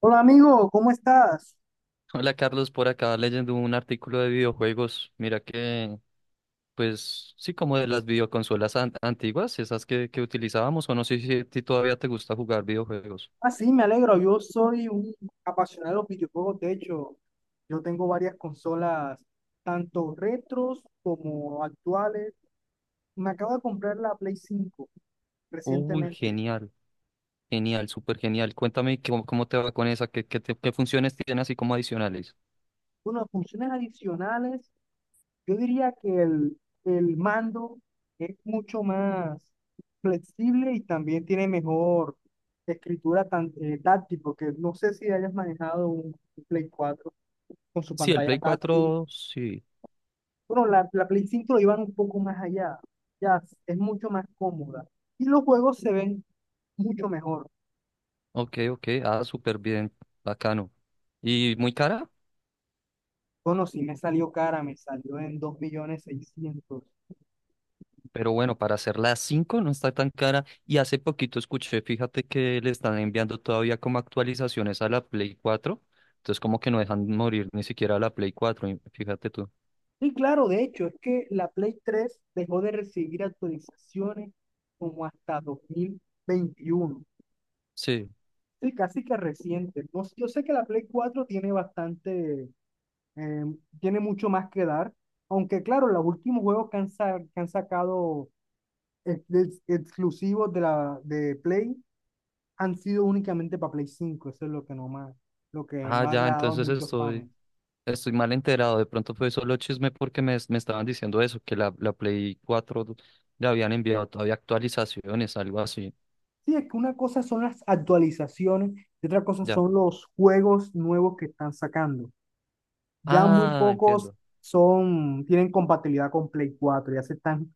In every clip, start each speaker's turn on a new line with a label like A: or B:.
A: Hola amigo, ¿cómo estás?
B: Hola Carlos, por acá leyendo un artículo de videojuegos. Mira que, pues sí, como de las videoconsolas antiguas, esas que utilizábamos, o no sé si a ti todavía te gusta jugar videojuegos.
A: Ah, sí, me alegro. Yo soy un apasionado de los videojuegos. De hecho, yo tengo varias consolas, tanto retros como actuales. Me acabo de comprar la Play 5
B: Uy,
A: recientemente.
B: genial, genial, súper genial. Cuéntame cómo te va con esa, qué funciones tiene así como adicionales.
A: Bueno, funciones adicionales, yo diría que el mando es mucho más flexible y también tiene mejor escritura táctil, porque no sé si hayas manejado un Play 4 con su
B: Sí, el
A: pantalla
B: Play
A: táctil.
B: cuatro, sí.
A: Bueno, la Play 5 lo llevan un poco más allá. Ya es mucho más cómoda. Y los juegos se ven mucho mejor.
B: Ok, ok, ah, súper bien, bacano. ¿Y muy cara?
A: Bueno, sí me salió cara, me salió en 2.600.000.
B: Pero bueno, para hacer las 5 no está tan cara. Y hace poquito escuché, fíjate que le están enviando todavía como actualizaciones a la Play cuatro. Entonces como que no dejan morir ni siquiera la Play cuatro y fíjate tú.
A: Y claro, de hecho, es que la Play 3 dejó de recibir actualizaciones como hasta 2021.
B: Sí.
A: Sí, casi que reciente. No sé, yo sé que la Play 4 tiene bastante, eh, tiene mucho más que dar. Aunque claro, los últimos juegos que han sacado exclusivos de la de Play han sido únicamente para Play 5. Eso es lo que no más, lo que
B: Ah,
A: no ha
B: ya,
A: agradado a muchos fans.
B: estoy mal enterado. De pronto fue solo chisme porque me estaban diciendo eso, que la Play 4 le habían enviado todavía actualizaciones, algo así.
A: Sí, es que una cosa son las actualizaciones y otra cosa
B: Ya.
A: son los juegos nuevos que están sacando. Ya muy
B: Ah,
A: pocos
B: entiendo.
A: son, tienen compatibilidad con Play 4. Ya se están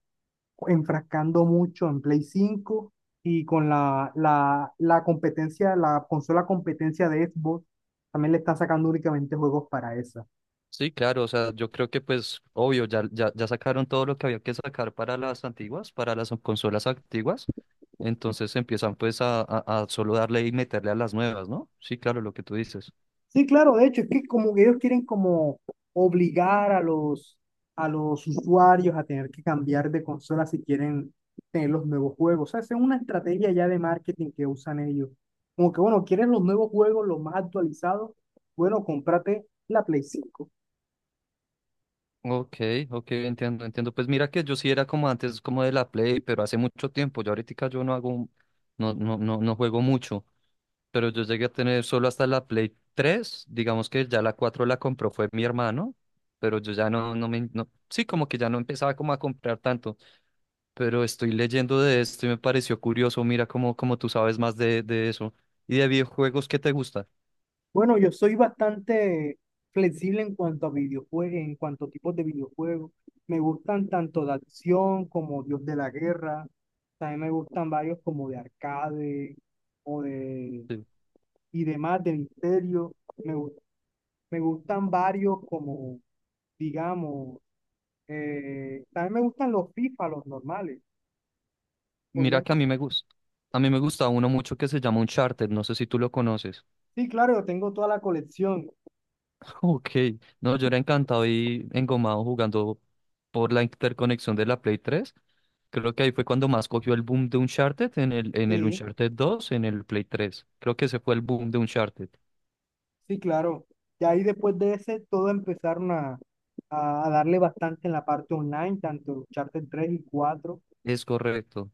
A: enfrascando mucho en Play 5 y con la competencia, la consola competencia de Xbox, también le están sacando únicamente juegos para esa.
B: Sí, claro, o sea, yo creo que pues obvio, ya sacaron todo lo que había que sacar para las antiguas, para las consolas antiguas, entonces empiezan pues a solo darle y meterle a las nuevas, ¿no? Sí, claro, lo que tú dices.
A: Sí, claro, de hecho, es que como que ellos quieren como obligar a los usuarios a tener que cambiar de consola si quieren tener los nuevos juegos. O sea, esa es una estrategia ya de marketing que usan ellos. Como que, bueno, ¿quieres los nuevos juegos, los más actualizados? Bueno, cómprate la Play 5.
B: Ok, ok, entiendo, entiendo. Pues mira que yo sí era como antes, como de la Play, pero hace mucho tiempo, yo ahorita yo no hago, no, no, no, no juego mucho, pero yo llegué a tener solo hasta la Play 3, digamos que ya la 4 la compró fue mi hermano, pero yo ya no, no me, no, sí, como que ya no empezaba como a comprar tanto. Pero estoy leyendo de esto y me pareció curioso. Mira cómo tú sabes más de eso. ¿Y de videojuegos qué te gusta?
A: Bueno, yo soy bastante flexible en cuanto a videojuegos, en cuanto a tipos de videojuegos. Me gustan tanto de acción como Dios de la Guerra. También me gustan varios como de arcade o de
B: Sí.
A: y demás de misterio. Me gustan varios como, digamos, también me gustan los FIFA, los normales.
B: Mira
A: Podrían,
B: que a
A: com-
B: mí me gusta. A mí me gusta uno mucho que se llama Uncharted. No sé si tú lo conoces.
A: sí, claro, yo tengo toda la colección.
B: Ok. No, yo era encantado y engomado jugando por la interconexión de la Play 3. Creo que ahí fue cuando más cogió el boom de Uncharted en el
A: Sí.
B: Uncharted 2, en el Play 3. Creo que ese fue el boom de Uncharted.
A: Sí, claro. Y ahí después de ese, todos empezaron a darle bastante en la parte online, tanto el charter 3 y 4.
B: Es correcto.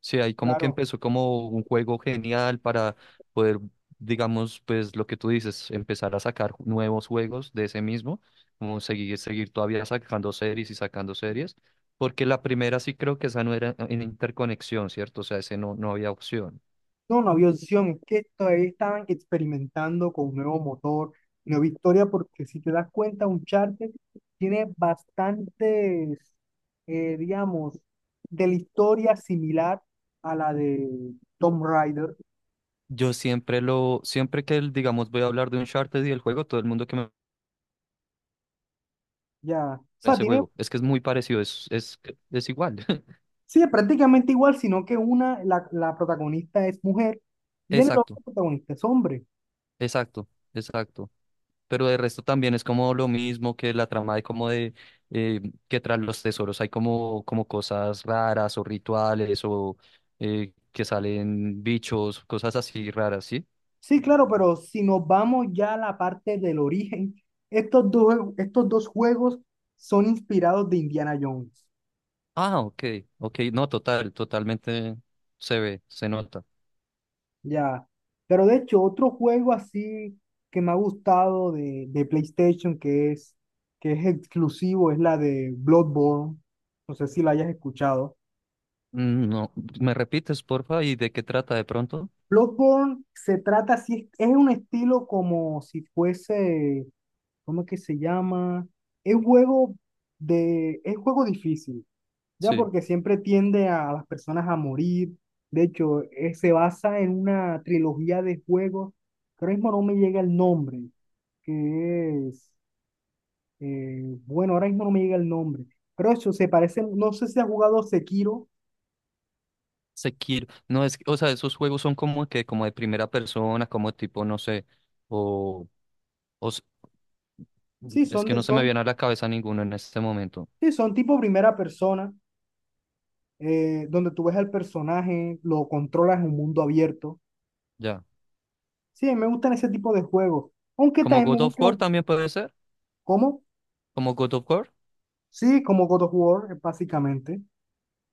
B: Sí, ahí como que
A: Claro,
B: empezó como un juego genial para poder, digamos, pues lo que tú dices, empezar a sacar nuevos juegos de ese mismo, como seguir, seguir todavía sacando series y sacando series, porque la primera sí creo que esa no era en interconexión, ¿cierto? O sea, ese no había opción.
A: no, no había opción, es que todavía estaban experimentando con un nuevo motor, nueva historia, porque si te das cuenta, un charter tiene bastantes, digamos, de la historia similar a la de Tomb Raider,
B: Yo siempre que, digamos, voy a hablar de Uncharted y el juego, todo el mundo que me
A: ya. O sea,
B: ese
A: tiene.
B: juego, es que es muy parecido, es igual.
A: Sí, es prácticamente igual, sino que la protagonista es mujer y en el
B: Exacto,
A: otro protagonista es hombre.
B: exacto, exacto. Pero de resto también es como lo mismo que la trama de como de eh, que tras los tesoros hay como, como cosas raras o rituales o que salen bichos, cosas así raras, ¿sí?
A: Sí, claro, pero si nos vamos ya a la parte del origen, estos dos juegos son inspirados de Indiana Jones,
B: Ah, ok, ok, no, total, totalmente se ve, se nota.
A: ya. Pero de hecho, otro juego así que me ha gustado de PlayStation, que es exclusivo, es la de Bloodborne. No sé si la hayas escuchado.
B: Mm, no, ¿me repites, porfa? ¿Y de qué trata de pronto?
A: Bloodborne se trata, así, es un estilo como si fuese, ¿cómo es que se llama? Es juego es juego difícil, ya
B: Sí.
A: porque siempre tiende a las personas a morir. De hecho, se basa en una trilogía de juegos, que ahora mismo no me llega el nombre, que es, bueno, ahora mismo no me llega el nombre, pero eso se parece, no sé si has jugado Sekiro,
B: Sekiro, no es, que- o sea, esos juegos son como que, como de primera persona, como tipo, no sé, o O s-
A: sí,
B: es que no se me viene a la cabeza ninguno en este momento.
A: sí, son tipo primera persona, donde tú ves al personaje, lo controlas en un mundo abierto.
B: Ya.
A: Sí, me gustan ese tipo de juegos. Aunque
B: Como
A: también me
B: God of
A: gustan
B: War
A: los.
B: también puede ser.
A: ¿Cómo?
B: Como God of War.
A: Sí, como God of War, básicamente.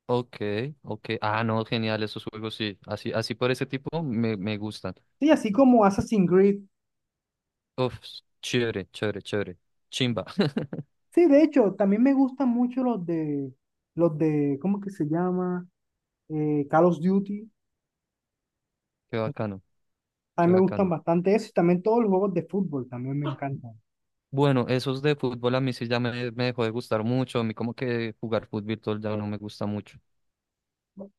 B: Ok, ok. Ah, no, genial, esos juegos sí. Así, así por ese tipo me gustan.
A: Sí, así como Assassin's Creed.
B: Uf, chévere, chévere, chévere. Chimba.
A: Sí, de hecho, también me gustan mucho los de. Los de. ¿Cómo que se llama? Call of Duty.
B: Qué bacano, qué
A: También me gustan
B: bacano.
A: bastante eso. Y también todos los juegos de fútbol también me encantan.
B: Bueno, esos de fútbol a mí sí ya me dejó de gustar mucho. A mí como que jugar fútbol ya no me gusta mucho.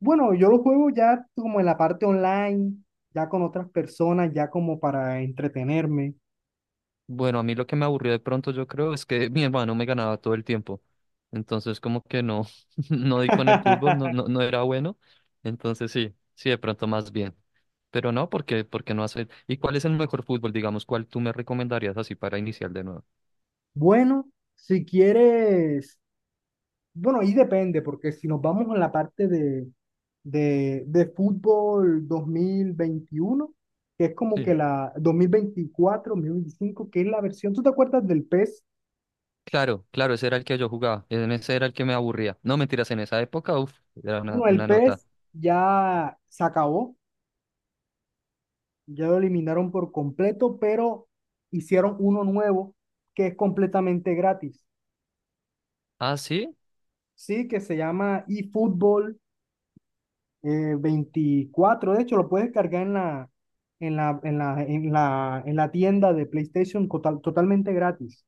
A: Bueno, yo los juego ya como en la parte online, ya con otras personas, ya como para entretenerme.
B: Bueno, a mí lo que me aburrió de pronto, yo creo, es que mi hermano me ganaba todo el tiempo. Entonces, como que no, no di con el fútbol, no era bueno. Entonces, sí, sí, de pronto más bien. Pero no, porque no hacer. ¿Y cuál es el mejor fútbol, digamos, cuál tú me recomendarías así para iniciar de nuevo?
A: Bueno, si quieres. Bueno, ahí depende, porque si nos vamos a la parte de fútbol 2021 que es como que
B: Sí.
A: la dos 2024 2025 que es la versión, ¿tú te acuerdas del PES?
B: Claro, claro, ese era el que yo jugaba. En ese era el que me aburría. No, mentiras, en esa época, uff, era
A: Bueno, el
B: una nota.
A: PES ya se acabó, ya lo eliminaron por completo, pero hicieron uno nuevo que es completamente gratis,
B: Ah, sí,
A: ¿sí? Que se llama eFootball 24. De hecho, lo puedes cargar en la, en la, en la, en la, en la tienda de PlayStation totalmente gratis.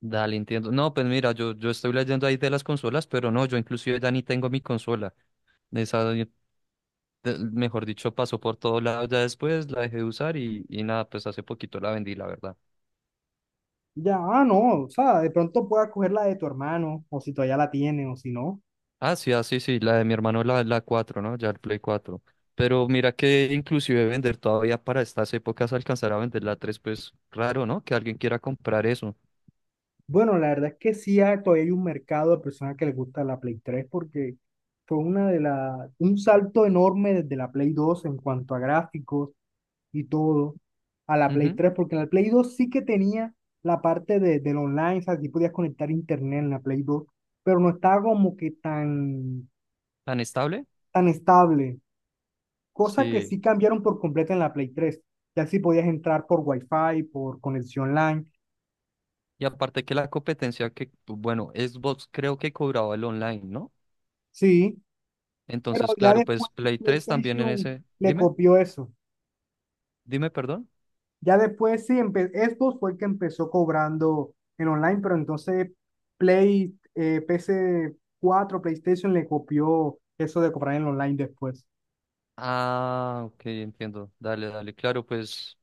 B: dale, entiendo. No, pues mira, yo estoy leyendo ahí de las consolas, pero no, yo inclusive ya ni tengo mi consola. Esa de- mejor dicho, pasó por todos lados ya después, la dejé de usar y nada, pues hace poquito la vendí, la verdad.
A: Ya, ah, no, o sea, de pronto puedas coger la de tu hermano, o si todavía la tiene, o si no.
B: Ah, sí, ah, sí, sí, la de mi hermano, la cuatro, ¿no? Ya el Play cuatro. Pero mira que inclusive vender todavía para estas épocas alcanzar a vender la tres pues raro, ¿no? Que alguien quiera comprar eso.
A: Bueno, la verdad es que sí, todavía hay un mercado de personas que les gusta la Play 3 porque fue un salto enorme desde la Play 2 en cuanto a gráficos y todo a la Play
B: Ujú.
A: 3 porque en la Play 2 sí que tenía la parte del online, o sea, sí podías conectar internet en la Play 2 pero no estaba como que tan,
B: ¿Tan estable?
A: tan estable, cosa que
B: Sí.
A: sí cambiaron por completo en la Play 3. Ya sí podías entrar por Wi-Fi, por conexión LAN,
B: Y aparte que la competencia que, bueno, Xbox creo que cobraba el online, ¿no?
A: sí, pero
B: Entonces,
A: ya
B: claro, pues
A: después
B: Play 3 también en
A: PlayStation
B: ese...
A: le
B: Dime,
A: copió eso.
B: dime, perdón.
A: Ya después sí, Xbox fue el que empezó cobrando en online, pero entonces PS4, PlayStation le copió eso de cobrar en online después.
B: Ah, ok, entiendo. Dale, dale. Claro, pues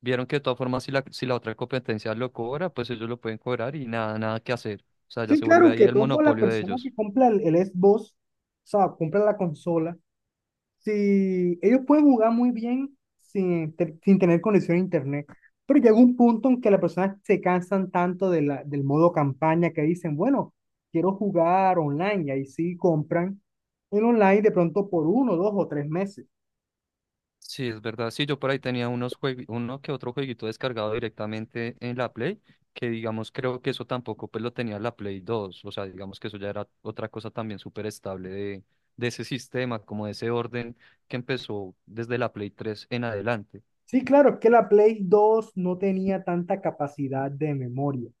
B: vieron que de todas formas, si si la otra competencia lo cobra, pues ellos lo pueden cobrar y nada, nada que hacer. O sea, ya
A: Sí,
B: se vuelve
A: claro
B: ahí
A: que
B: el
A: todo la
B: monopolio de
A: persona
B: ellos.
A: que compra el Xbox, o sea, compra la consola, si ellos pueden jugar muy bien sin tener conexión a internet, pero llega un punto en que las personas se cansan tanto del modo campaña que dicen, bueno, quiero jugar online y ahí sí compran en online de pronto por 1, 2 o 3 meses.
B: Sí, es verdad. Sí, yo por ahí tenía unos uno que otro jueguito descargado directamente en la Play, que digamos creo que eso tampoco pues lo tenía la Play dos. O sea, digamos que eso ya era otra cosa también súper estable de ese sistema, como de ese orden que empezó desde la Play tres en adelante.
A: Sí, claro, es que la Play 2 no tenía tanta capacidad de memoria.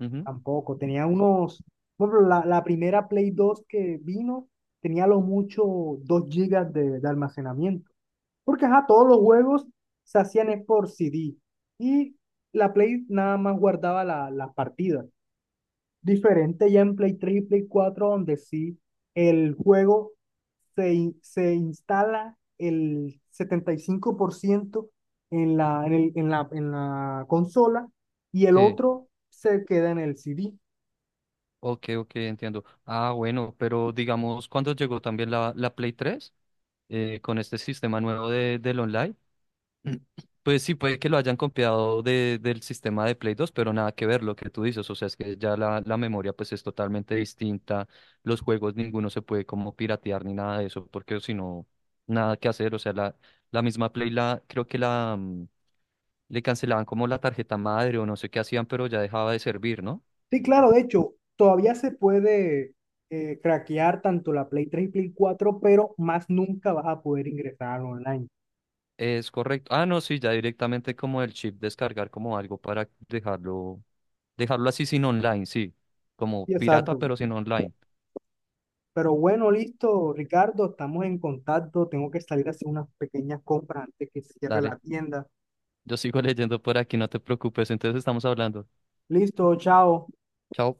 B: Ujú.
A: Tampoco, tenía unos, bueno, pero la primera Play 2 que vino tenía a lo mucho 2 gigas de almacenamiento. Porque ajá, todos los juegos se hacían es por CD y la Play nada más guardaba las partidas. Diferente ya en Play 3 y Play 4 donde sí el juego se instala el 75% en la consola y el
B: Sí,
A: otro se queda en el CD.
B: ok, ok, entiendo. Ah, bueno, pero digamos, ¿cuándo llegó también la Play 3 con este sistema nuevo del online? Pues sí, puede que lo hayan copiado del sistema de Play 2, pero nada que ver lo que tú dices. O sea, es que ya la memoria pues es totalmente distinta. Los juegos ninguno se puede como piratear ni nada de eso, porque si no, nada que hacer. O sea, la misma creo que la le cancelaban como la tarjeta madre o no sé qué hacían, pero ya dejaba de servir, ¿no?
A: Sí, claro, de hecho, todavía se puede craquear tanto la Play 3, y Play 4, pero más nunca vas a poder ingresar online.
B: Es correcto. Ah, no, sí, ya directamente como el chip descargar como algo para dejarlo, dejarlo así sin online, sí. Como
A: Sí,
B: pirata,
A: exacto.
B: pero sin online.
A: Pero bueno, listo, Ricardo, estamos en contacto. Tengo que salir a hacer unas pequeñas compras antes que cierre
B: Dale,
A: la tienda.
B: yo sigo leyendo por aquí, no te preocupes. Entonces estamos hablando.
A: Listo, chao.
B: Chao.